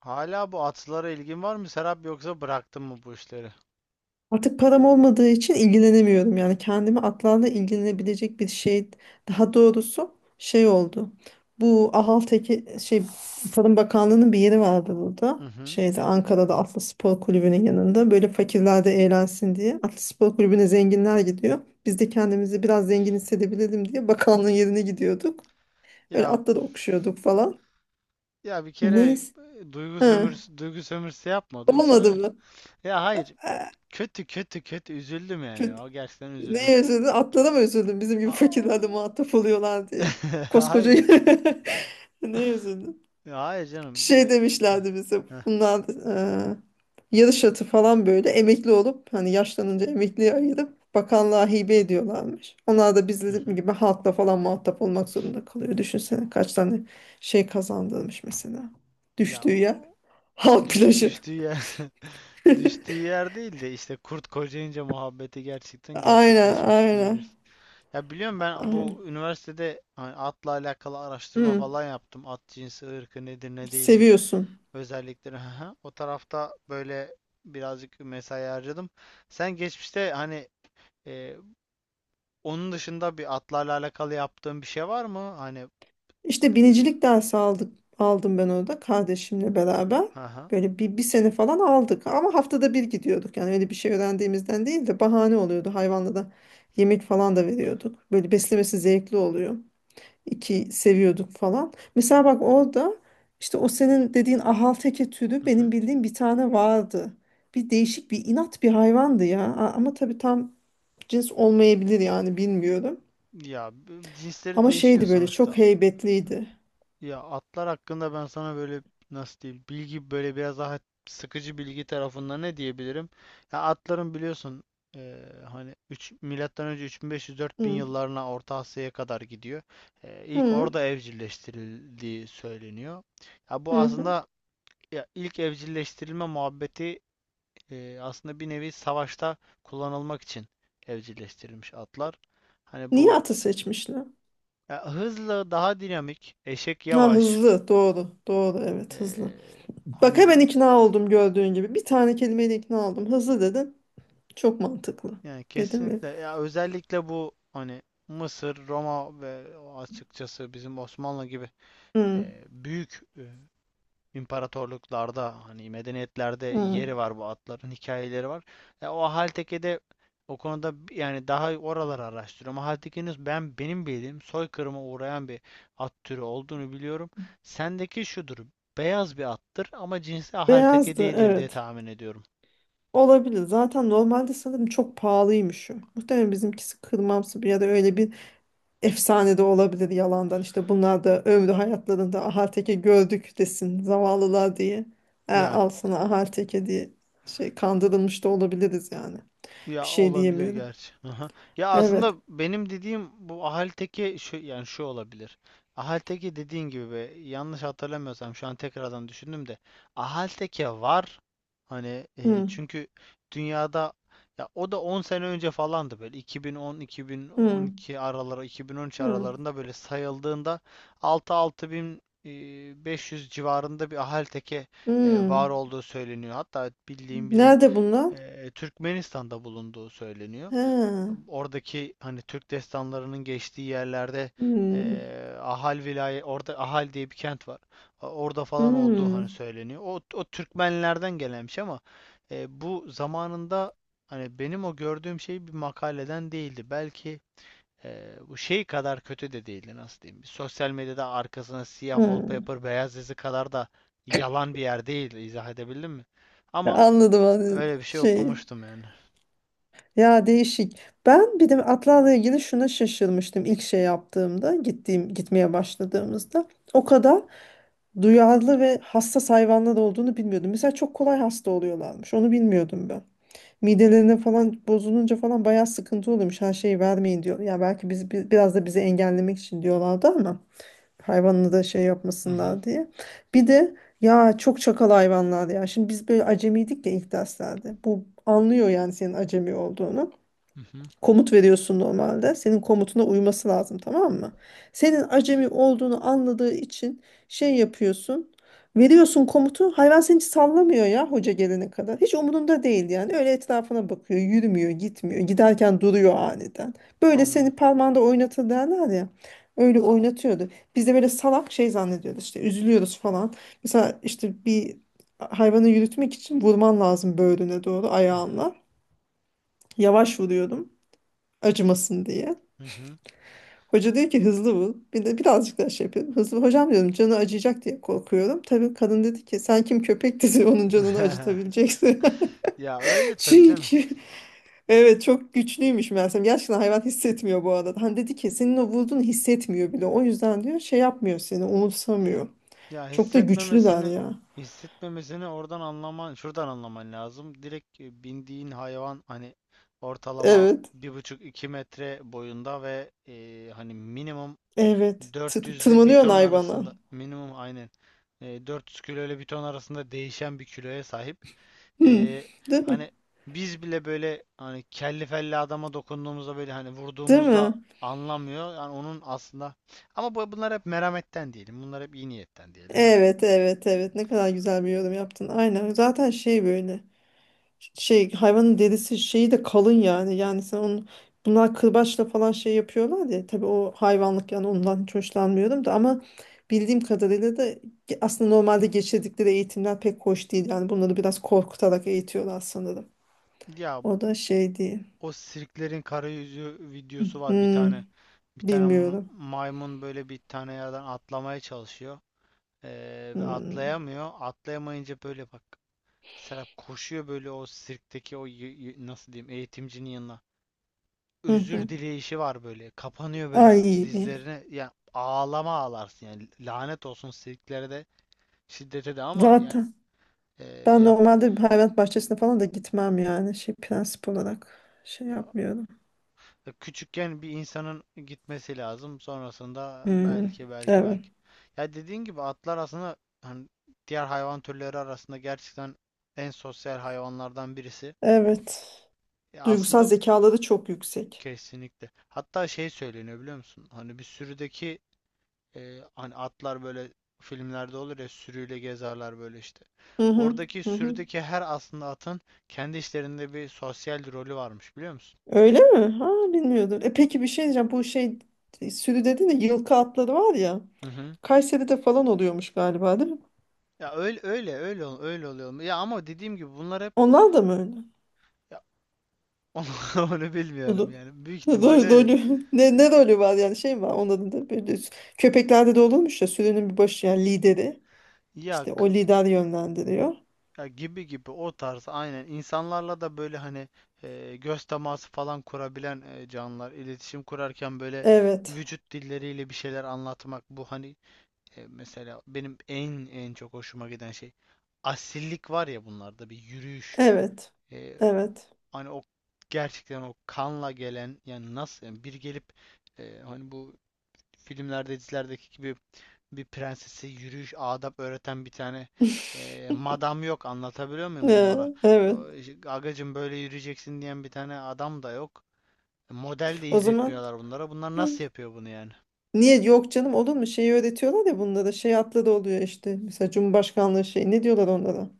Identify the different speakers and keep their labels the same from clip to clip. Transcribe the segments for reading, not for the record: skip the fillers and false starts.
Speaker 1: Hala bu atlara ilgin var mı, Serap, yoksa bıraktın mı bu işleri?
Speaker 2: Artık param olmadığı için ilgilenemiyorum. Yani kendimi atlarla ilgilenebilecek bir şey, daha doğrusu şey oldu. Bu Ahalteki şey, Tarım Bakanlığı'nın bir yeri vardı
Speaker 1: Hı
Speaker 2: burada.
Speaker 1: hı.
Speaker 2: Şeyde, Ankara'da Atlı Spor Kulübü'nün yanında. Böyle fakirler de eğlensin diye. Atlı Spor Kulübü'ne zenginler gidiyor. Biz de kendimizi biraz zengin hissedebilelim diye bakanlığın yerine gidiyorduk. Öyle
Speaker 1: Ya
Speaker 2: atları okşuyorduk falan.
Speaker 1: ya bir kere,
Speaker 2: Neyse.
Speaker 1: duygu
Speaker 2: Ha,
Speaker 1: sömürüsü duygu sömürüsü yapma.
Speaker 2: olmadı mı?
Speaker 1: Ya hayır. Kötü kötü kötü üzüldüm yani.
Speaker 2: Kötü.
Speaker 1: O, gerçekten üzüldüm.
Speaker 2: Neye üzüldün? Atlara mı üzüldün? Bizim gibi fakirlerle
Speaker 1: Aa.
Speaker 2: muhatap oluyorlar diye. Koskoca
Speaker 1: Hayır.
Speaker 2: neye üzüldün?
Speaker 1: Ya hayır canım.
Speaker 2: Şey
Speaker 1: Yani,
Speaker 2: demişlerdi bize.
Speaker 1: Heh,
Speaker 2: Bunlar e, yarış atı falan böyle emekli olup hani yaşlanınca emekliye ayırıp bakanlığa hibe ediyorlarmış. Onlar da
Speaker 1: hı
Speaker 2: bizim
Speaker 1: hı.
Speaker 2: gibi halkla falan muhatap olmak zorunda kalıyor. Düşünsene kaç tane şey kazandırmış mesela.
Speaker 1: Ya
Speaker 2: Düştüğü yer
Speaker 1: o
Speaker 2: halk plajı.
Speaker 1: düştüğü yer düştüğü yer değil de işte kurt kocayınca muhabbeti gerçekten
Speaker 2: Aynen
Speaker 1: gerçekleşmiş
Speaker 2: aynen.
Speaker 1: diyebiliriz. Ya biliyorum, ben
Speaker 2: Aynen.
Speaker 1: bu üniversitede hani atla alakalı araştırma
Speaker 2: Hı,
Speaker 1: falan yaptım. At cinsi, ırkı nedir, ne değildir,
Speaker 2: seviyorsun.
Speaker 1: özellikleri. haha. O tarafta böyle birazcık mesai harcadım. Sen geçmişte hani, e, onun dışında bir atlarla alakalı yaptığın bir şey var mı? Hani.
Speaker 2: İşte binicilik dersi aldım ben orada kardeşimle beraber.
Speaker 1: Haha.
Speaker 2: Böyle bir sene falan aldık ama haftada bir gidiyorduk. Yani öyle bir şey öğrendiğimizden değil de bahane oluyordu. Hayvanla da yemek falan da veriyorduk. Böyle beslemesi zevkli oluyor. İki seviyorduk falan. Mesela bak orada işte o senin dediğin ahalteke türü
Speaker 1: Hı.
Speaker 2: benim bildiğim bir tane vardı. Bir değişik bir inat bir hayvandı ya. Ama tabii tam cins olmayabilir yani bilmiyorum.
Speaker 1: Ya cinsleri
Speaker 2: Ama
Speaker 1: değişiyor
Speaker 2: şeydi, böyle çok
Speaker 1: sonuçta.
Speaker 2: heybetliydi.
Speaker 1: Ya atlar hakkında ben sana böyle, nasıl diyeyim, bilgi böyle biraz daha sıkıcı bilgi tarafında ne diyebilirim? Ya atların biliyorsun, hani 3 milattan önce 3500-4000
Speaker 2: Hı.
Speaker 1: yıllarına Orta Asya'ya kadar gidiyor. İlk
Speaker 2: Hı.
Speaker 1: orada evcilleştirildiği söyleniyor. Ya, bu
Speaker 2: Hı hı.
Speaker 1: aslında, ya ilk evcilleştirilme muhabbeti, aslında bir nevi savaşta kullanılmak için evcilleştirilmiş atlar. Hani
Speaker 2: Niye
Speaker 1: bu,
Speaker 2: atı seçmişler?
Speaker 1: ya hızlı, daha dinamik, eşek
Speaker 2: Ha
Speaker 1: yavaş.
Speaker 2: hızlı, doğru doğru, evet hızlı.
Speaker 1: Ee,
Speaker 2: Bak
Speaker 1: hani bir,
Speaker 2: hemen ikna oldum gördüğün gibi. Bir tane kelimeyle ikna oldum. Hızlı dedin. Çok mantıklı.
Speaker 1: yani
Speaker 2: Dedim mi?
Speaker 1: kesinlikle, ya özellikle bu, hani Mısır, Roma ve açıkçası bizim Osmanlı gibi,
Speaker 2: Hı,
Speaker 1: büyük, imparatorluklarda, hani medeniyetlerde
Speaker 2: hı.
Speaker 1: yeri var, bu atların hikayeleri var. Ya o Haltepe'de o konuda, yani daha oraları araştırıyorum. Haltepe'nin, benim bildiğim, soykırıma uğrayan bir at türü olduğunu biliyorum. Sendeki şudur. Beyaz bir attır ama cinsi Halteke
Speaker 2: Beyazdı
Speaker 1: değildir diye
Speaker 2: evet.
Speaker 1: tahmin ediyorum.
Speaker 2: Olabilir. Zaten normalde sanırım çok pahalıymış o. Muhtemelen bizimkisi kırmamsı bir ya da öyle bir efsane de olabilir yalandan. İşte bunlar da ömrü hayatlarında ahal gördük desin zavallılar diye.
Speaker 1: Ya
Speaker 2: Al sana ahal diye şey kandırılmış da olabiliriz yani. Bir
Speaker 1: Ya
Speaker 2: şey
Speaker 1: olabilir
Speaker 2: diyemiyorum.
Speaker 1: gerçi. Aha. Ya aslında
Speaker 2: Evet.
Speaker 1: benim dediğim bu Ahalteki, şu yani, şu olabilir. Ahalteki dediğin gibi, yanlış hatırlamıyorsam, şu an tekrardan düşündüm de Ahalteki var. Hani,
Speaker 2: Hı,
Speaker 1: çünkü dünyada, ya o da 10 sene önce falandı, böyle 2010,
Speaker 2: hı,
Speaker 1: 2012 araları, 2013
Speaker 2: hı,
Speaker 1: aralarında böyle sayıldığında 6-6500 civarında bir Ahalteki,
Speaker 2: hı.
Speaker 1: var olduğu söyleniyor. Hatta bildiğim bizim,
Speaker 2: Nerede bunlar?
Speaker 1: Türkmenistan'da bulunduğu söyleniyor.
Speaker 2: Ha.
Speaker 1: Oradaki hani Türk destanlarının geçtiği yerlerde,
Speaker 2: Hı,
Speaker 1: Ahal vilayet, orada Ahal diye bir kent var. Orada falan olduğu
Speaker 2: hı,
Speaker 1: hani söyleniyor. O Türkmenlerden gelenmiş, ama bu zamanında hani benim o gördüğüm şey bir makaleden değildi. Belki bu şey kadar kötü de değildi, nasıl diyeyim. Sosyal medyada arkasına siyah
Speaker 2: hı.
Speaker 1: wallpaper beyaz yazı kadar da yalan bir yer değildi. İzah edebildim mi? Ama
Speaker 2: Anladım anladım.
Speaker 1: Öyle bir şey
Speaker 2: Şey.
Speaker 1: okumuştum yani.
Speaker 2: Ya değişik. Ben bir de atlarla ilgili şuna şaşırmıştım ilk şey yaptığımda, gitmeye başladığımızda. O kadar duyarlı ve hassas hayvanlar olduğunu bilmiyordum. Mesela çok kolay hasta oluyorlarmış. Onu bilmiyordum ben. Midelerine falan bozulunca falan bayağı sıkıntı oluyormuş. Her şeyi vermeyin diyor. Ya belki biraz da bizi engellemek için diyorlardı ama hayvanını da şey
Speaker 1: Hı hı.
Speaker 2: yapmasınlar diye. Bir de ya çok çakal hayvanlar ya. Şimdi biz böyle acemiydik ya ilk derslerde. Bu anlıyor yani senin acemi olduğunu.
Speaker 1: Hı hı.
Speaker 2: Komut veriyorsun normalde. Senin komutuna uyması lazım, tamam mı? Senin acemi olduğunu anladığı için şey yapıyorsun. Veriyorsun komutu. Hayvan seni hiç sallamıyor ya hoca gelene kadar. Hiç umurunda değil yani. Öyle etrafına bakıyor. Yürümüyor, gitmiyor. Giderken duruyor aniden. Böyle
Speaker 1: Anladım.
Speaker 2: seni parmağında oynatır derler ya. Öyle oynatıyordu. Biz de böyle salak şey zannediyoruz işte. Üzülüyoruz falan. Mesela işte bir hayvanı yürütmek için vurman lazım böğrüne doğru
Speaker 1: Hı hı.
Speaker 2: ayağınla. Yavaş vuruyordum acımasın diye.
Speaker 1: Hı hı.
Speaker 2: Hoca diyor ki hızlı vur. Bir de birazcık daha şey yapıyorum. Hızlı vur. Hocam diyorum canı acıyacak diye korkuyorum. Tabii kadın dedi ki sen kim köpek dedi onun canını acıtabileceksin.
Speaker 1: Ya, öyle tabii canım.
Speaker 2: Çünkü evet çok güçlüymüş meğersem. Gerçekten hayvan hissetmiyor bu arada. Hani dedi ki senin o vurduğunu hissetmiyor bile. O yüzden diyor şey yapmıyor, seni umursamıyor.
Speaker 1: Ya,
Speaker 2: Çok da güçlüler ya.
Speaker 1: hissetmemesini oradan anlaman, şuradan anlaman lazım. Direkt, bindiğin hayvan hani ortalama
Speaker 2: Evet.
Speaker 1: 1,5-2 metre boyunda ve, hani minimum
Speaker 2: Evet.
Speaker 1: 400 ile bir
Speaker 2: Tırmanıyorsun
Speaker 1: ton
Speaker 2: hayvana.
Speaker 1: arasında, minimum, aynen, 400 kilo ile bir ton arasında değişen bir kiloya sahip.
Speaker 2: Hı.
Speaker 1: Ee,
Speaker 2: Değil mi?
Speaker 1: hani biz bile böyle, hani kelli felli adama dokunduğumuzda böyle, hani
Speaker 2: Değil mi?
Speaker 1: vurduğumuzda anlamıyor. Yani onun aslında, ama bunlar hep merhametten diyelim. Bunlar hep iyi niyetten diyelim ya.
Speaker 2: Evet evet evet, ne kadar güzel bir yorum yaptın. Aynen zaten şey böyle, şey hayvanın derisi şeyi de kalın yani. Yani sen onu, bunlar kırbaçla falan şey yapıyorlar ya. Tabii o hayvanlık yani ondan hiç hoşlanmıyorum da ama bildiğim kadarıyla da aslında normalde geçirdikleri eğitimler pek hoş değil. Yani bunları biraz korkutarak eğitiyorlar sanırım.
Speaker 1: Ya
Speaker 2: O da
Speaker 1: bu-
Speaker 2: şey değil.
Speaker 1: o sirklerin karayüzü videosu var bir
Speaker 2: Hmm,
Speaker 1: tane. Bir tane
Speaker 2: bilmiyorum.
Speaker 1: maymun böyle bir tane yerden atlamaya çalışıyor. Ve
Speaker 2: Hmm.
Speaker 1: atlayamıyor. Atlayamayınca böyle, bak, Serap koşuyor böyle o sirkteki o, nasıl diyeyim, eğitimcinin yanına.
Speaker 2: Hı
Speaker 1: Özür
Speaker 2: hı.
Speaker 1: dileyişi var böyle. Kapanıyor böyle
Speaker 2: Ay,
Speaker 1: dizlerine. Yani ağlama ağlarsın yani. Lanet olsun siliklere de, şiddete de, ama yani,
Speaker 2: zaten
Speaker 1: e,
Speaker 2: ben
Speaker 1: yap,
Speaker 2: normalde bir hayvanat bahçesine falan da gitmem yani şey, prensip olarak şey
Speaker 1: ya-
Speaker 2: yapmıyorum.
Speaker 1: küçükken bir insanın gitmesi lazım. Sonrasında
Speaker 2: Hmm.
Speaker 1: belki, belki,
Speaker 2: Evet.
Speaker 1: belki. Ya, dediğin gibi, atlar aslında hani diğer hayvan türleri arasında gerçekten en sosyal hayvanlardan birisi.
Speaker 2: Evet.
Speaker 1: Ya
Speaker 2: Duygusal
Speaker 1: aslında
Speaker 2: zekaları çok yüksek.
Speaker 1: kesinlikle. Hatta şey söyleniyor biliyor musun? Hani bir sürüdeki, hani atlar böyle filmlerde olur ya, sürüyle gezerler böyle işte.
Speaker 2: Hı hı,
Speaker 1: Oradaki
Speaker 2: hı hı.
Speaker 1: sürüdeki her aslında atın kendi işlerinde bir sosyal rolü varmış biliyor musun?
Speaker 2: Öyle mi? Ha, bilmiyordum. E peki bir şey diyeceğim. Bu şey, sürü dedin de yılkı atları var ya.
Speaker 1: Hı hı.
Speaker 2: Kayseri'de falan oluyormuş galiba değil mi?
Speaker 1: Ya öyle öyle öyle, öyle oluyor. Ya ama dediğim gibi bunlar hep,
Speaker 2: Onlar da mı öyle?
Speaker 1: ya, onu, onu bilmiyorum
Speaker 2: Rol,
Speaker 1: yani. Büyük ihtimalle öyledir.
Speaker 2: Rolü. Ne rolü var yani, şey mi var onların da böyle köpeklerde de olurmuş ya, sürünün bir başı yani lideri.
Speaker 1: Ya,
Speaker 2: İşte o lider yönlendiriyor.
Speaker 1: ya gibi gibi, o tarz, aynen, insanlarla da böyle hani, göz teması falan kurabilen, canlılar iletişim kurarken böyle
Speaker 2: Evet.
Speaker 1: vücut dilleriyle bir şeyler anlatmak bu hani. E, mesela benim en çok hoşuma giden şey, asillik var ya bunlarda, bir yürüyüş.
Speaker 2: Evet.
Speaker 1: E,
Speaker 2: Evet.
Speaker 1: hani o gerçekten o kanla gelen, yani nasıl yani, bir gelip, hani bu filmlerde dizilerdeki gibi bir prensese yürüyüş adap öğreten bir tane, madam yok, anlatabiliyor muyum
Speaker 2: Ee,
Speaker 1: bunlara?
Speaker 2: evet.
Speaker 1: O, işte, Agacım böyle yürüyeceksin diyen bir tane adam da yok. E, Model de
Speaker 2: O zaman
Speaker 1: izletmiyorlar bunlara. Bunlar nasıl yapıyor bunu yani?
Speaker 2: niye yok canım, olur mu? Şeyi öğretiyorlar ya bunlara. Şey atlı da oluyor işte. Mesela Cumhurbaşkanlığı şey, ne diyorlar onlara?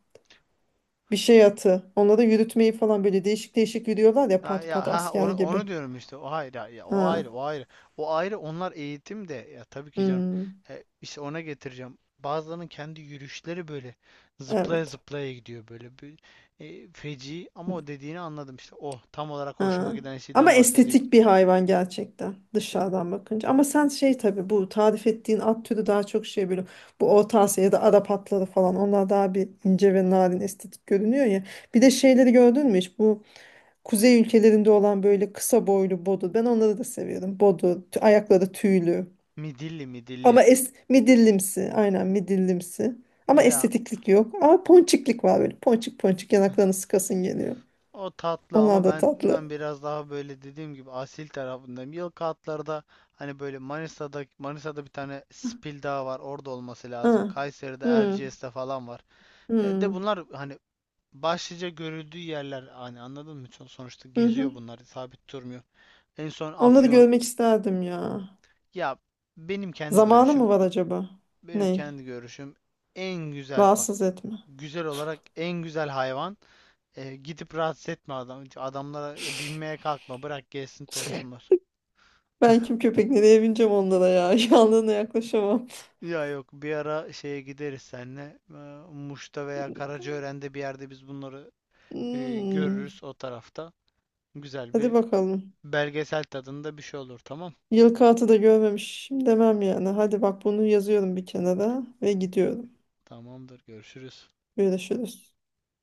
Speaker 2: Bir şey atı. Onlara yürütmeyi falan, böyle değişik değişik yürüyorlar ya
Speaker 1: Ha,
Speaker 2: pat
Speaker 1: ya,
Speaker 2: pat
Speaker 1: ha ha,
Speaker 2: asker gibi.
Speaker 1: onu diyorum işte. O ayrı, ha, ya, o
Speaker 2: Ha.
Speaker 1: ayrı, o ayrı. O ayrı, onlar eğitim de ya, tabii ki canım.
Speaker 2: Hmm.
Speaker 1: E, işte ona getireceğim. Bazılarının kendi yürüyüşleri böyle zıplaya
Speaker 2: Evet.
Speaker 1: zıplaya gidiyor böyle bir, feci, ama o dediğini anladım işte. Oh, tam olarak hoşuma
Speaker 2: Ha.
Speaker 1: giden
Speaker 2: Ama
Speaker 1: şeyden bahsedecektim.
Speaker 2: estetik bir hayvan gerçekten
Speaker 1: Ya,
Speaker 2: dışarıdan bakınca. Ama sen şey, tabii bu tarif ettiğin at türü daha çok şey böyle, bu Orta Asya ya da Arap atları falan, onlar daha bir ince ve narin estetik görünüyor ya. Bir de şeyleri gördün mü hiç? Bu Kuzey ülkelerinde olan böyle kısa boylu bodu. Ben onları da seviyorum. Bodu, ayakları tüylü.
Speaker 1: midilli midilli.
Speaker 2: Ama es midillimsi. Aynen midillimsi. Ama
Speaker 1: Ya,
Speaker 2: estetiklik yok. Ama ponçiklik var böyle. Ponçik ponçik yanaklarını sıkasın geliyor.
Speaker 1: o tatlı ama
Speaker 2: Onlar da
Speaker 1: ben
Speaker 2: tatlı.
Speaker 1: biraz daha böyle dediğim gibi asil tarafındayım. Yılkı atlarda hani böyle, Manisa'da bir tane Spil Dağı var. Orada olması lazım.
Speaker 2: Hı.
Speaker 1: Kayseri'de
Speaker 2: Hı.
Speaker 1: Erciyes'te falan var. E, de
Speaker 2: Hı.
Speaker 1: bunlar hani başlıca görüldüğü yerler hani, anladın mı? Sonuçta
Speaker 2: Hı hı.
Speaker 1: geziyor bunlar, sabit durmuyor. En son
Speaker 2: Onları
Speaker 1: Afyon.
Speaker 2: görmek isterdim ya.
Speaker 1: Ya, benim kendi
Speaker 2: Zamanı mı
Speaker 1: görüşüm
Speaker 2: var acaba?
Speaker 1: benim
Speaker 2: Ney?
Speaker 1: kendi görüşüm, en güzel, bak,
Speaker 2: Rahatsız etme.
Speaker 1: güzel olarak en güzel hayvan. E, gidip rahatsız etme adam. Adamlara binmeye kalkma. Bırak gelsin, tozsunlar.
Speaker 2: Ben kim köpek nereye bineceğim onlara ya. Yanlarına yaklaşamam.
Speaker 1: Ya yok, bir ara şeye gideriz seninle. E, Muş'ta veya Karacaören'de bir yerde biz bunları,
Speaker 2: Hmm.
Speaker 1: görürüz o tarafta. Güzel
Speaker 2: Hadi
Speaker 1: bir
Speaker 2: bakalım.
Speaker 1: belgesel tadında bir şey olur, tamam.
Speaker 2: Yılkı atı da görmemişim demem yani. Hadi bak bunu yazıyorum bir kenara ve gidiyorum.
Speaker 1: Tamamdır, görüşürüz.
Speaker 2: Görüşürüz.